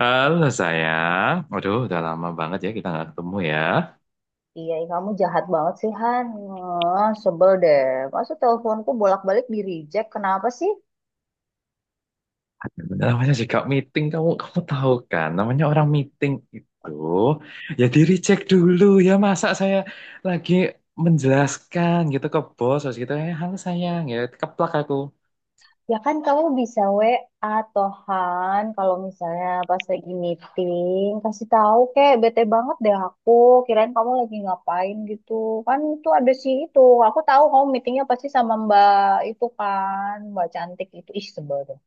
Halo sayang, waduh udah lama banget ya kita nggak ketemu ya. Iya, ih, kamu jahat banget sih, Han. Ah, sebel deh. Masa teleponku bolak-balik di reject? Kenapa sih? Namanya juga meeting, kamu kamu tahu kan, namanya orang meeting itu ya di recheck dulu ya. Masa saya lagi menjelaskan gitu ke bos terus gitu ya halo sayang ya keplak aku. Ya kan kamu bisa WA toh, Han. Kalau misalnya pas lagi meeting, kasih tahu kek. Bete banget deh aku. Kirain kamu lagi ngapain gitu. Kan itu ada sih itu. Aku tahu kamu meetingnya pasti sama Mbak itu kan. Mbak cantik itu. Ih, sebel deh.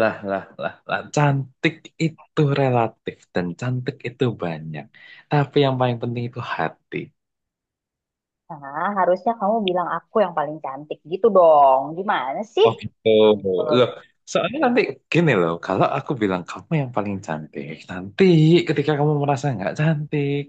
Lah lah lah lah, cantik itu relatif dan cantik itu banyak, tapi yang paling penting itu hati. Nah, harusnya kamu bilang aku yang paling cantik gitu dong. Gimana sih? Oh gitu. Sebel Loh, deh. soalnya nanti gini loh, kalau aku bilang kamu yang paling cantik, nanti ketika kamu merasa nggak cantik,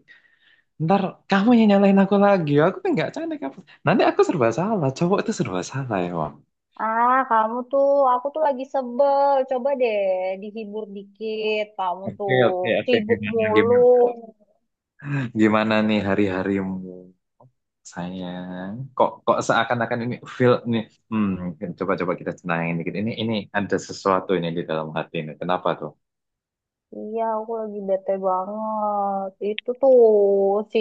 ntar kamu yang nyalain aku lagi, aku tuh nggak cantik apa. Nanti aku serba salah, cowok itu serba salah ya, Bang. Ah, kamu tuh, aku tuh lagi sebel. Coba deh dihibur dikit. Kamu tuh Oke, oke, oke, sibuk gimana, mulu. gimana? Gimana nih hari-harimu, sayang? Kok seakan-akan ini feel nih, coba-coba kita tenangin dikit. Ini ada sesuatu ini di dalam hati ini. Kenapa tuh? Iya, aku lagi bete banget. Itu tuh si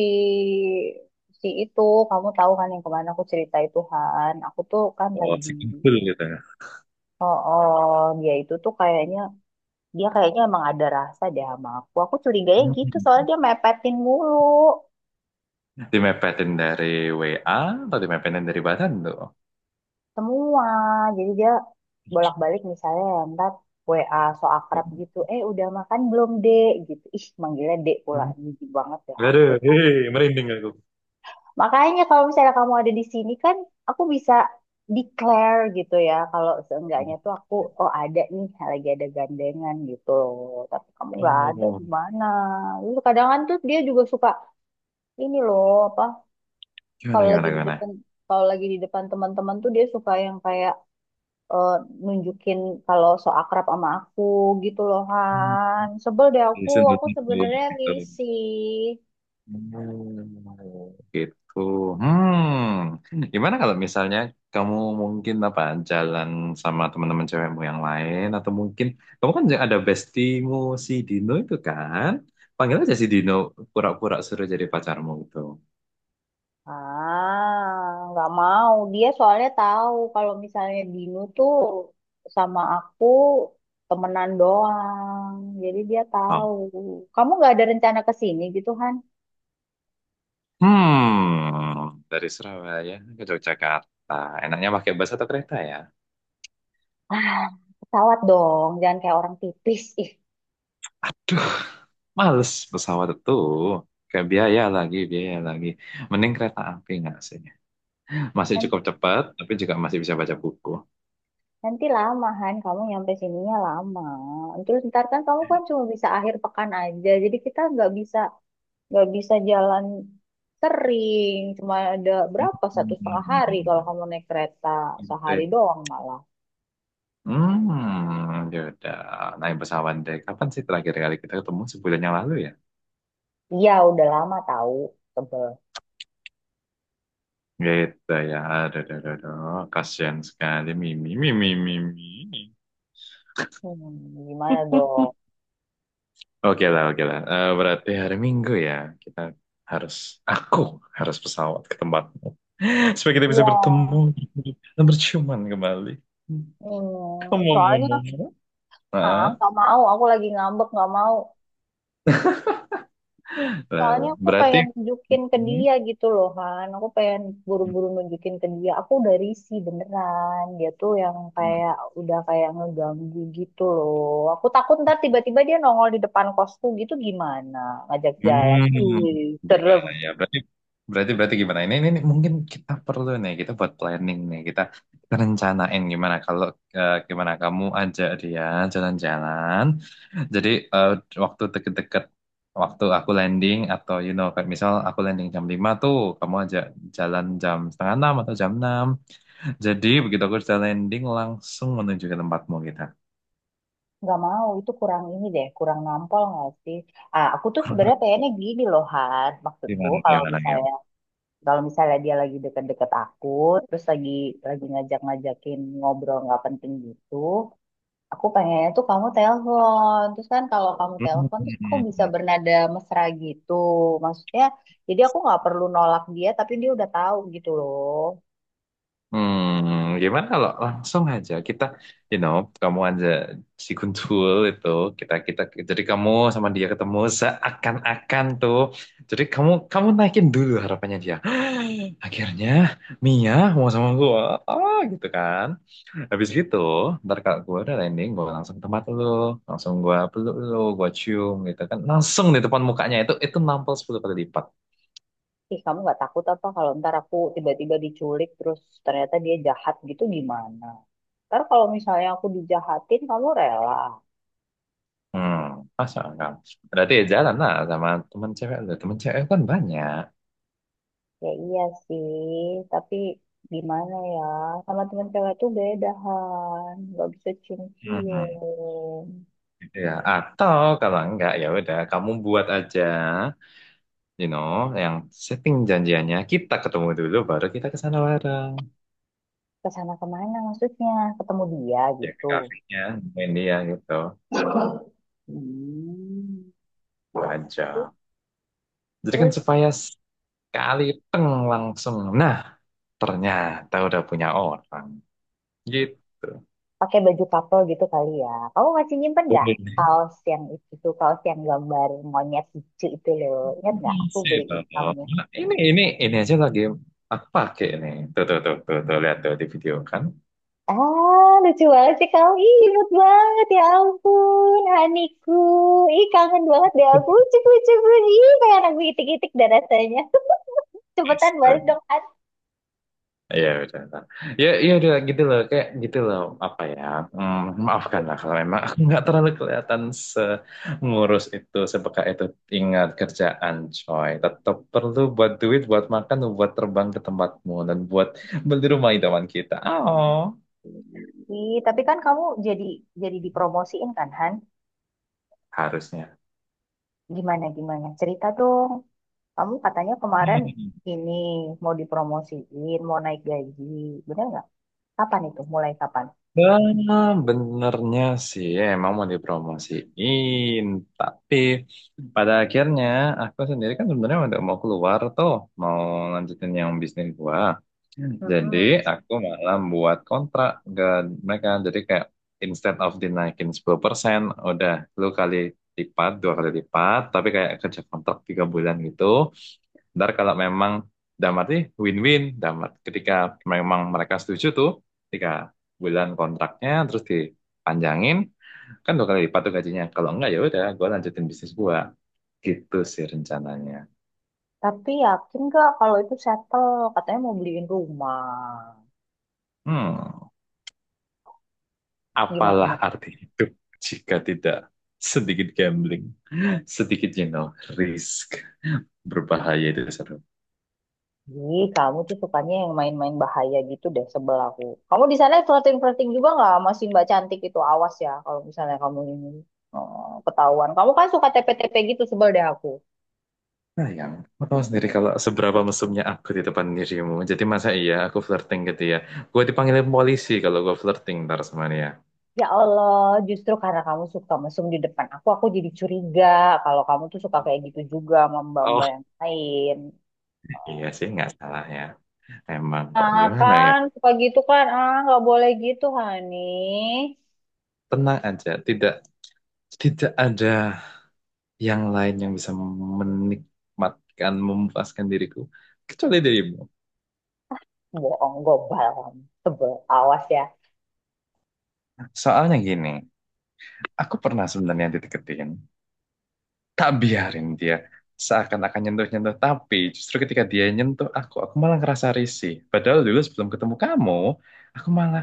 si itu, kamu tahu kan yang kemana aku cerita itu Han. Aku tuh kan Oh, lagi. si kumpul gitu Oh, oh, dia itu tuh kayaknya dia kayaknya emang ada rasa deh sama aku. Aku curiganya ya. gitu soalnya dia mepetin mulu. Dimepetin dari WA atau dimepetin dari badan tuh? Semua, jadi dia bolak-balik misalnya ya, ntar WA so akrab gitu, eh, udah makan belum dek gitu, ih manggilnya dek pula, Hmm. jijik banget deh Aduh, aku. hei, merinding aku. Makanya kalau misalnya kamu ada di sini kan aku bisa declare gitu ya kalau seenggaknya tuh aku, oh ada nih lagi ada gandengan gitu loh, tapi kamu nggak ada Oh, gimana. Lalu kadang kan tuh dia juga suka ini loh apa, gimana kalau lagi gimana di depan gimana? kalau lagi di depan teman-teman tuh dia suka yang kayak, eh, nunjukin kalau so akrab sama aku gitu loh Hmm. Han. Sebel deh Disentuh aku tuh sebenarnya gitu. risih. Oh, gitu. Gimana kalau misalnya kamu mungkin apa jalan sama teman-teman cewekmu yang lain, atau mungkin kamu kan ada bestimu, si Dino itu kan? Panggil aja si Dino, pura-pura suruh jadi pacarmu gitu. Ah, nggak mau. Dia soalnya tahu kalau misalnya Binu tuh sama aku temenan doang. Jadi dia tahu. Kamu nggak ada rencana ke sini gitu Han? Dari Surabaya ke Yogyakarta, enaknya pakai bus atau kereta ya? Ah, pesawat dong. Jangan kayak orang tipis. Ih, Aduh, males pesawat itu. Kayak biaya lagi, biaya lagi. Mending kereta api nggak sih? Masih kan cukup cepat, tapi juga masih bisa baca buku. Nanti lama Han, kamu nyampe sininya lama. Terus ntar kan kamu kan cuma bisa akhir pekan aja, jadi kita nggak bisa jalan sering. Cuma ada berapa 1,5 hari kalau Hmm, kamu naik kereta, sehari gitu. doang malah. Hmm, ya udah. Naik pesawat deh. Kapan sih terakhir kali kita ketemu? Sebulan yang lalu ya? Iya, udah lama tahu tebel. Gitu ya. Aduh, aduh, aduh, aduh. Kasian sekali. Mimi, mimi, mimi. Hmm, gimana dong? Oke lah, oke lah. Eh, berarti hari Minggu ya, kita harus, aku harus pesawat ke tempatmu. Supaya kita bisa Iya, bertemu dan berciuman kembali. Soalnya Ngomong-ngomong. ah, Ah, nggak mau, aku lagi ngambek nggak mau. lalu. Soalnya aku Berarti, pengen nunjukin ke hmm, dia gitu loh Han. Aku pengen buru-buru nunjukin ke dia. Aku udah risih beneran. Dia tuh yang kayak udah kayak ngeganggu gitu loh. Aku takut ntar tiba-tiba dia nongol di depan kosku gitu gimana ngajak jalan. hmm, Ih, serem. berbahaya. Berarti gimana? Ini mungkin kita perlu nih, kita buat planning nih, kita rencanain gimana kalau gimana kamu ajak dia jalan-jalan. Jadi eh, waktu deket-deket, waktu aku landing atau kayak misal aku landing jam 5, tuh kamu aja jalan jam setengah 6 atau jam 6. Jadi begitu aku sudah landing langsung menuju ke tempatmu kita. Nggak mau, itu kurang ini deh, kurang nampol nggak sih? Ah, aku tuh Kurang apa? sebenarnya pengennya gini loh, Han. Maksudku Gimana kalau gimana gimana. misalnya kalau misalnya dia lagi deket-deket aku, terus lagi ngajak-ngajakin ngobrol nggak penting gitu, aku pengennya tuh kamu telepon. Terus kan kalau kamu telepon terus aku bisa bernada mesra gitu. Maksudnya jadi aku nggak perlu nolak dia tapi dia udah tahu gitu loh. Hmm. Gimana kalau langsung aja kita, you know, kamu aja si Guntul itu, kita kita jadi kamu sama dia ketemu seakan-akan tuh. Jadi kamu kamu naikin dulu harapannya dia. Akhirnya Mia mau sama gue, ah gitu kan. Habis gitu, ntar kalau gue udah landing, gue langsung ke tempat lu, langsung gue peluk lu, gue cium gitu kan. Langsung di depan mukanya itu nampol 10 kali lipat. Ih, kamu nggak takut apa kalau ntar aku tiba-tiba diculik terus ternyata dia jahat gitu gimana? Ntar kalau misalnya aku dijahatin kamu rela. Hmm, masa enggak? Berarti ya jalan lah sama temen cewek lu, temen cewek kan banyak. Ya iya sih, tapi gimana ya? Sama teman cewek tuh beda, Han. Nggak bisa Hmm, cium-cium. gitu ya. Atau kalau enggak ya udah, kamu buat aja, yang setting janjiannya kita ketemu dulu, baru kita ke sana bareng, Ke sana kemana maksudnya, ketemu dia ya ke gitu? kafenya, main dia gitu. Hmm, Gajah. Jadi kan terus supaya sekali teng langsung. Nah, ternyata udah punya orang. Gitu. pakai baju couple gitu kali ya. Kamu masih nyimpen nggak Boleh. kaos yang itu tuh, kaos yang gambar monyet lucu itu loh, ingat nggak aku Bisa beliin dong. kamu? Nah, ini aja lagi aku pakai ini. Tuh tuh tuh tuh, tuh lihat tuh di video kan. Ah, lucu banget sih kamu, ih imut banget, ya ampun haniku. Ih, kangen banget deh aku, lucu lucu. Ih, kayak aku itik-itik dah rasanya. Cepetan Bisa. balik dong Han. Iya betul, betul. Ya iya udah gitu loh kayak gitu loh apa ya, maafkanlah kalau memang aku nggak terlalu kelihatan ngurus itu sepeka itu. Ingat, kerjaan coy tetap perlu buat duit, buat makan, buat terbang ke tempatmu, dan buat beli rumah idaman kita. Oh, Ih, tapi kan kamu jadi dipromosiin kan, Han? harusnya. Gimana, gimana? Cerita dong. Kamu katanya kemarin ini mau dipromosiin, mau naik gaji. Bener nggak? Kapan itu? Mulai kapan? Nah, benernya sih emang mau dipromosiin, tapi pada akhirnya aku sendiri kan sebenarnya udah mau keluar tuh, mau lanjutin yang bisnis gua. Jadi Mm-mm. aku malah buat kontrak ke mereka. Jadi kayak instead of dinaikin 10%, udah lu kali 2 kali lipat, tapi kayak kerja kontrak 3 bulan gitu. Ntar kalau memang dalam arti win-win, dalam arti ketika memang mereka setuju tuh, 3 bulan kontraknya terus dipanjangin, kan 2 kali lipat tuh gajinya. Kalau enggak ya udah, gue lanjutin bisnis gua. Gitu sih rencananya. Tapi yakin nggak kalau itu settle? Katanya mau beliin rumah. Hmm, apalah Gimana arti hidup jika tidak sedikit gambling, sedikit risk berbahaya itu seru. sih? Kamu tuh sukanya yang main-main bahaya gitu deh, sebel aku. Kamu di sana flirting-flirting juga nggak sama si Mbak Cantik itu? Awas ya kalau misalnya kamu ini, oh, ketahuan. Kamu kan suka TP-TP gitu, sebel deh aku. Sayang, kamu tahu sendiri kalau seberapa mesumnya aku di depan dirimu. Jadi masa iya aku flirting gitu ya? Gue dipanggilin polisi kalau gue flirting ntar sama dia. Ya Allah, justru karena kamu suka mesum di depan aku jadi curiga kalau kamu tuh suka kayak gitu juga sama Oh, mbak-mbak yang lain. iya sih, nggak salah ya. Emang kok Ah gimana ya? kan, suka gitu kan, ah nggak boleh gitu, Hani. Tenang aja, tidak tidak ada yang lain yang bisa menikmatkan, memuaskan diriku kecuali dirimu. Bohong, gobal kamu. Sebel, awas ya. Soalnya gini, aku pernah sebenarnya dideketin, tak biarin dia seakan-akan nyentuh-nyentuh, tapi justru ketika dia nyentuh aku malah ngerasa risih. Padahal dulu sebelum ketemu kamu, aku malah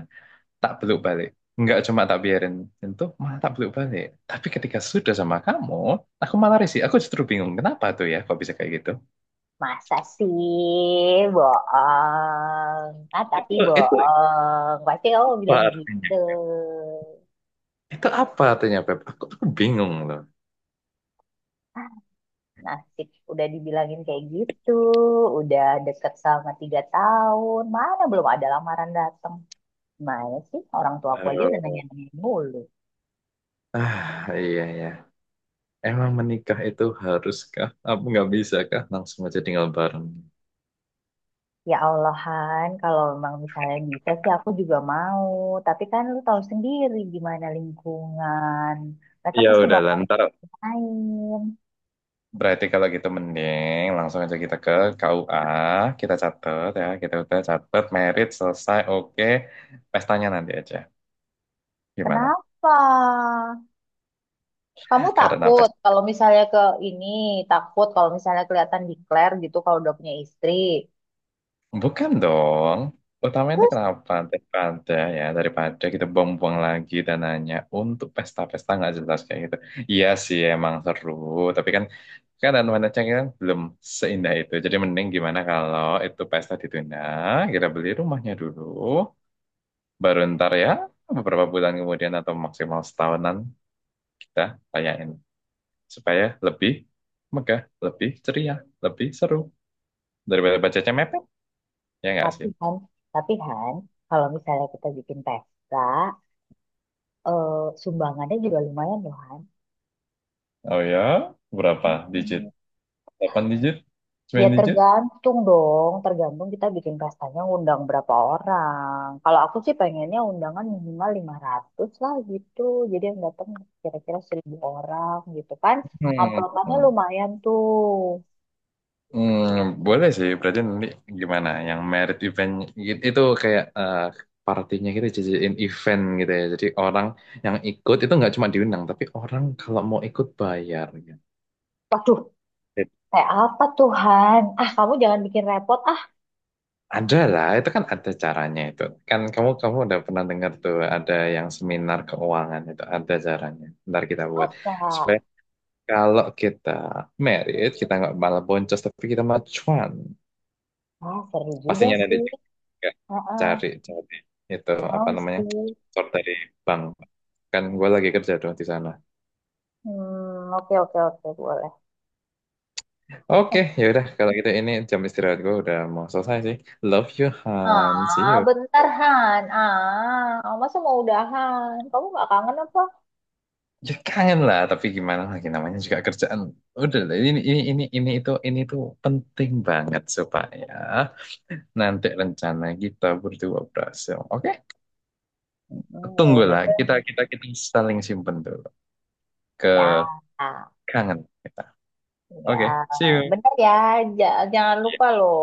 tak peluk balik, nggak cuma tak biarin nyentuh, malah tak peluk balik. Tapi ketika sudah sama kamu, aku malah risih, aku justru bingung kenapa tuh ya, kok bisa kayak gitu. Masa sih, bohong. Ah, tapi Itu bohong. Pasti kamu apa bilang artinya, gitu. itu apa artinya, Beb, aku bingung loh. Nasib udah dibilangin kayak gitu, udah deket sama 3 tahun, mana belum ada lamaran datang. Mana sih orang tua aku aja udah Eh, nanya-nanya mulu. ah iya ya, emang menikah itu haruskah apa nggak bisa kah langsung aja tinggal bareng? Ya Allah Han, kalau memang misalnya bisa sih aku juga mau. Tapi kan lu tahu sendiri gimana lingkungan. Mereka Ya pasti udah bakal lantar. main. Berarti kalau gitu mending langsung aja kita ke KUA, kita catat ya, kita udah catat merit selesai, oke, pestanya nanti aja. Gimana? Kenapa? Kamu Karena takut pesta. kalau misalnya ke ini, takut kalau misalnya kelihatan declare gitu kalau udah punya istri. Bukan dong, utamanya kenapa? Daripada ya, daripada kita buang-buang lagi dananya untuk pesta-pesta nggak jelas kayak gitu. Iya sih, emang seru, tapi kan kan dan wanita kan belum seindah itu. Jadi mending gimana kalau itu pesta ditunda, kita beli rumahnya dulu, baru ntar ya beberapa bulan kemudian atau maksimal setahunan kita tanyain supaya lebih megah, lebih ceria, lebih seru, daripada bacanya mepet, ya nggak Tapi sih? kan, tapi Han, kalau misalnya kita bikin pesta, eh, sumbangannya juga lumayan loh Han. Oh ya, berapa digit? Hmm. 8 digit? Ya 9 digit? tergantung dong, tergantung kita bikin pestanya undang berapa orang. Kalau aku sih pengennya undangan minimal 500 lah gitu. Jadi yang datang kira-kira 1.000 orang gitu kan. Hmm. Amplopannya Hmm. lumayan tuh. Hmm, boleh sih, berarti nanti gimana? Yang merit event gitu, itu kayak partinya kita jadiin event gitu ya. Jadi orang yang ikut itu nggak cuma diundang, tapi orang kalau mau ikut bayar. Gitu. Waduh, kayak apa Tuhan? Ah, kamu jangan bikin repot. Ah, Ada lah, itu kan ada caranya itu. Kan kamu kamu udah pernah dengar tuh ada yang seminar keuangan itu ada caranya. Ntar kita buat supaya masa? kalau kita merit kita nggak malah boncos, tapi kita malah cuan. Ah, seru juga Pastinya ada sih. juga Heeh, cari cari itu mau apa namanya, sih. sponsor dari bank. Kan gue lagi kerja tuh di sana. Hmm, oke oke oke boleh. Eh, Oke, yaudah kalau gitu ini jam istirahat gue udah mau selesai sih. Love you Han, see ah, you. bentar Han. Ah, masa mau udahan? Kamu nggak kangen apa? Ya kangen lah, tapi gimana lagi, namanya juga kerjaan. Udah lah, ini itu ini itu penting banget supaya nanti rencana kita berdua berhasil, oke. Hmm, ya udah Tunggulah, deh. kita kita kita saling simpen dulu ke Ya, kangen kita. ya, Oke, see you. bentar ya. Jangan Iya. lupa loh.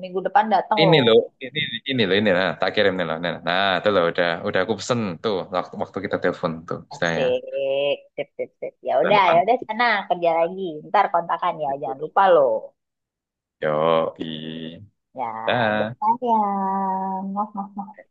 Minggu depan datang Ini loh. loh, ini ini loh, ini. Nah, tak kirim nih loh. Nah, nah itu loh, udah aku pesen tuh, waktu waktu kita telepon tuh sudah ya. Asik, sip sip sip. Bulan depan. Ya udah sana kerja lagi. Ntar kontakan ya. Jangan lupa loh. Yo i. Ya, udah Dah. sayang. Maaf, maaf, maaf.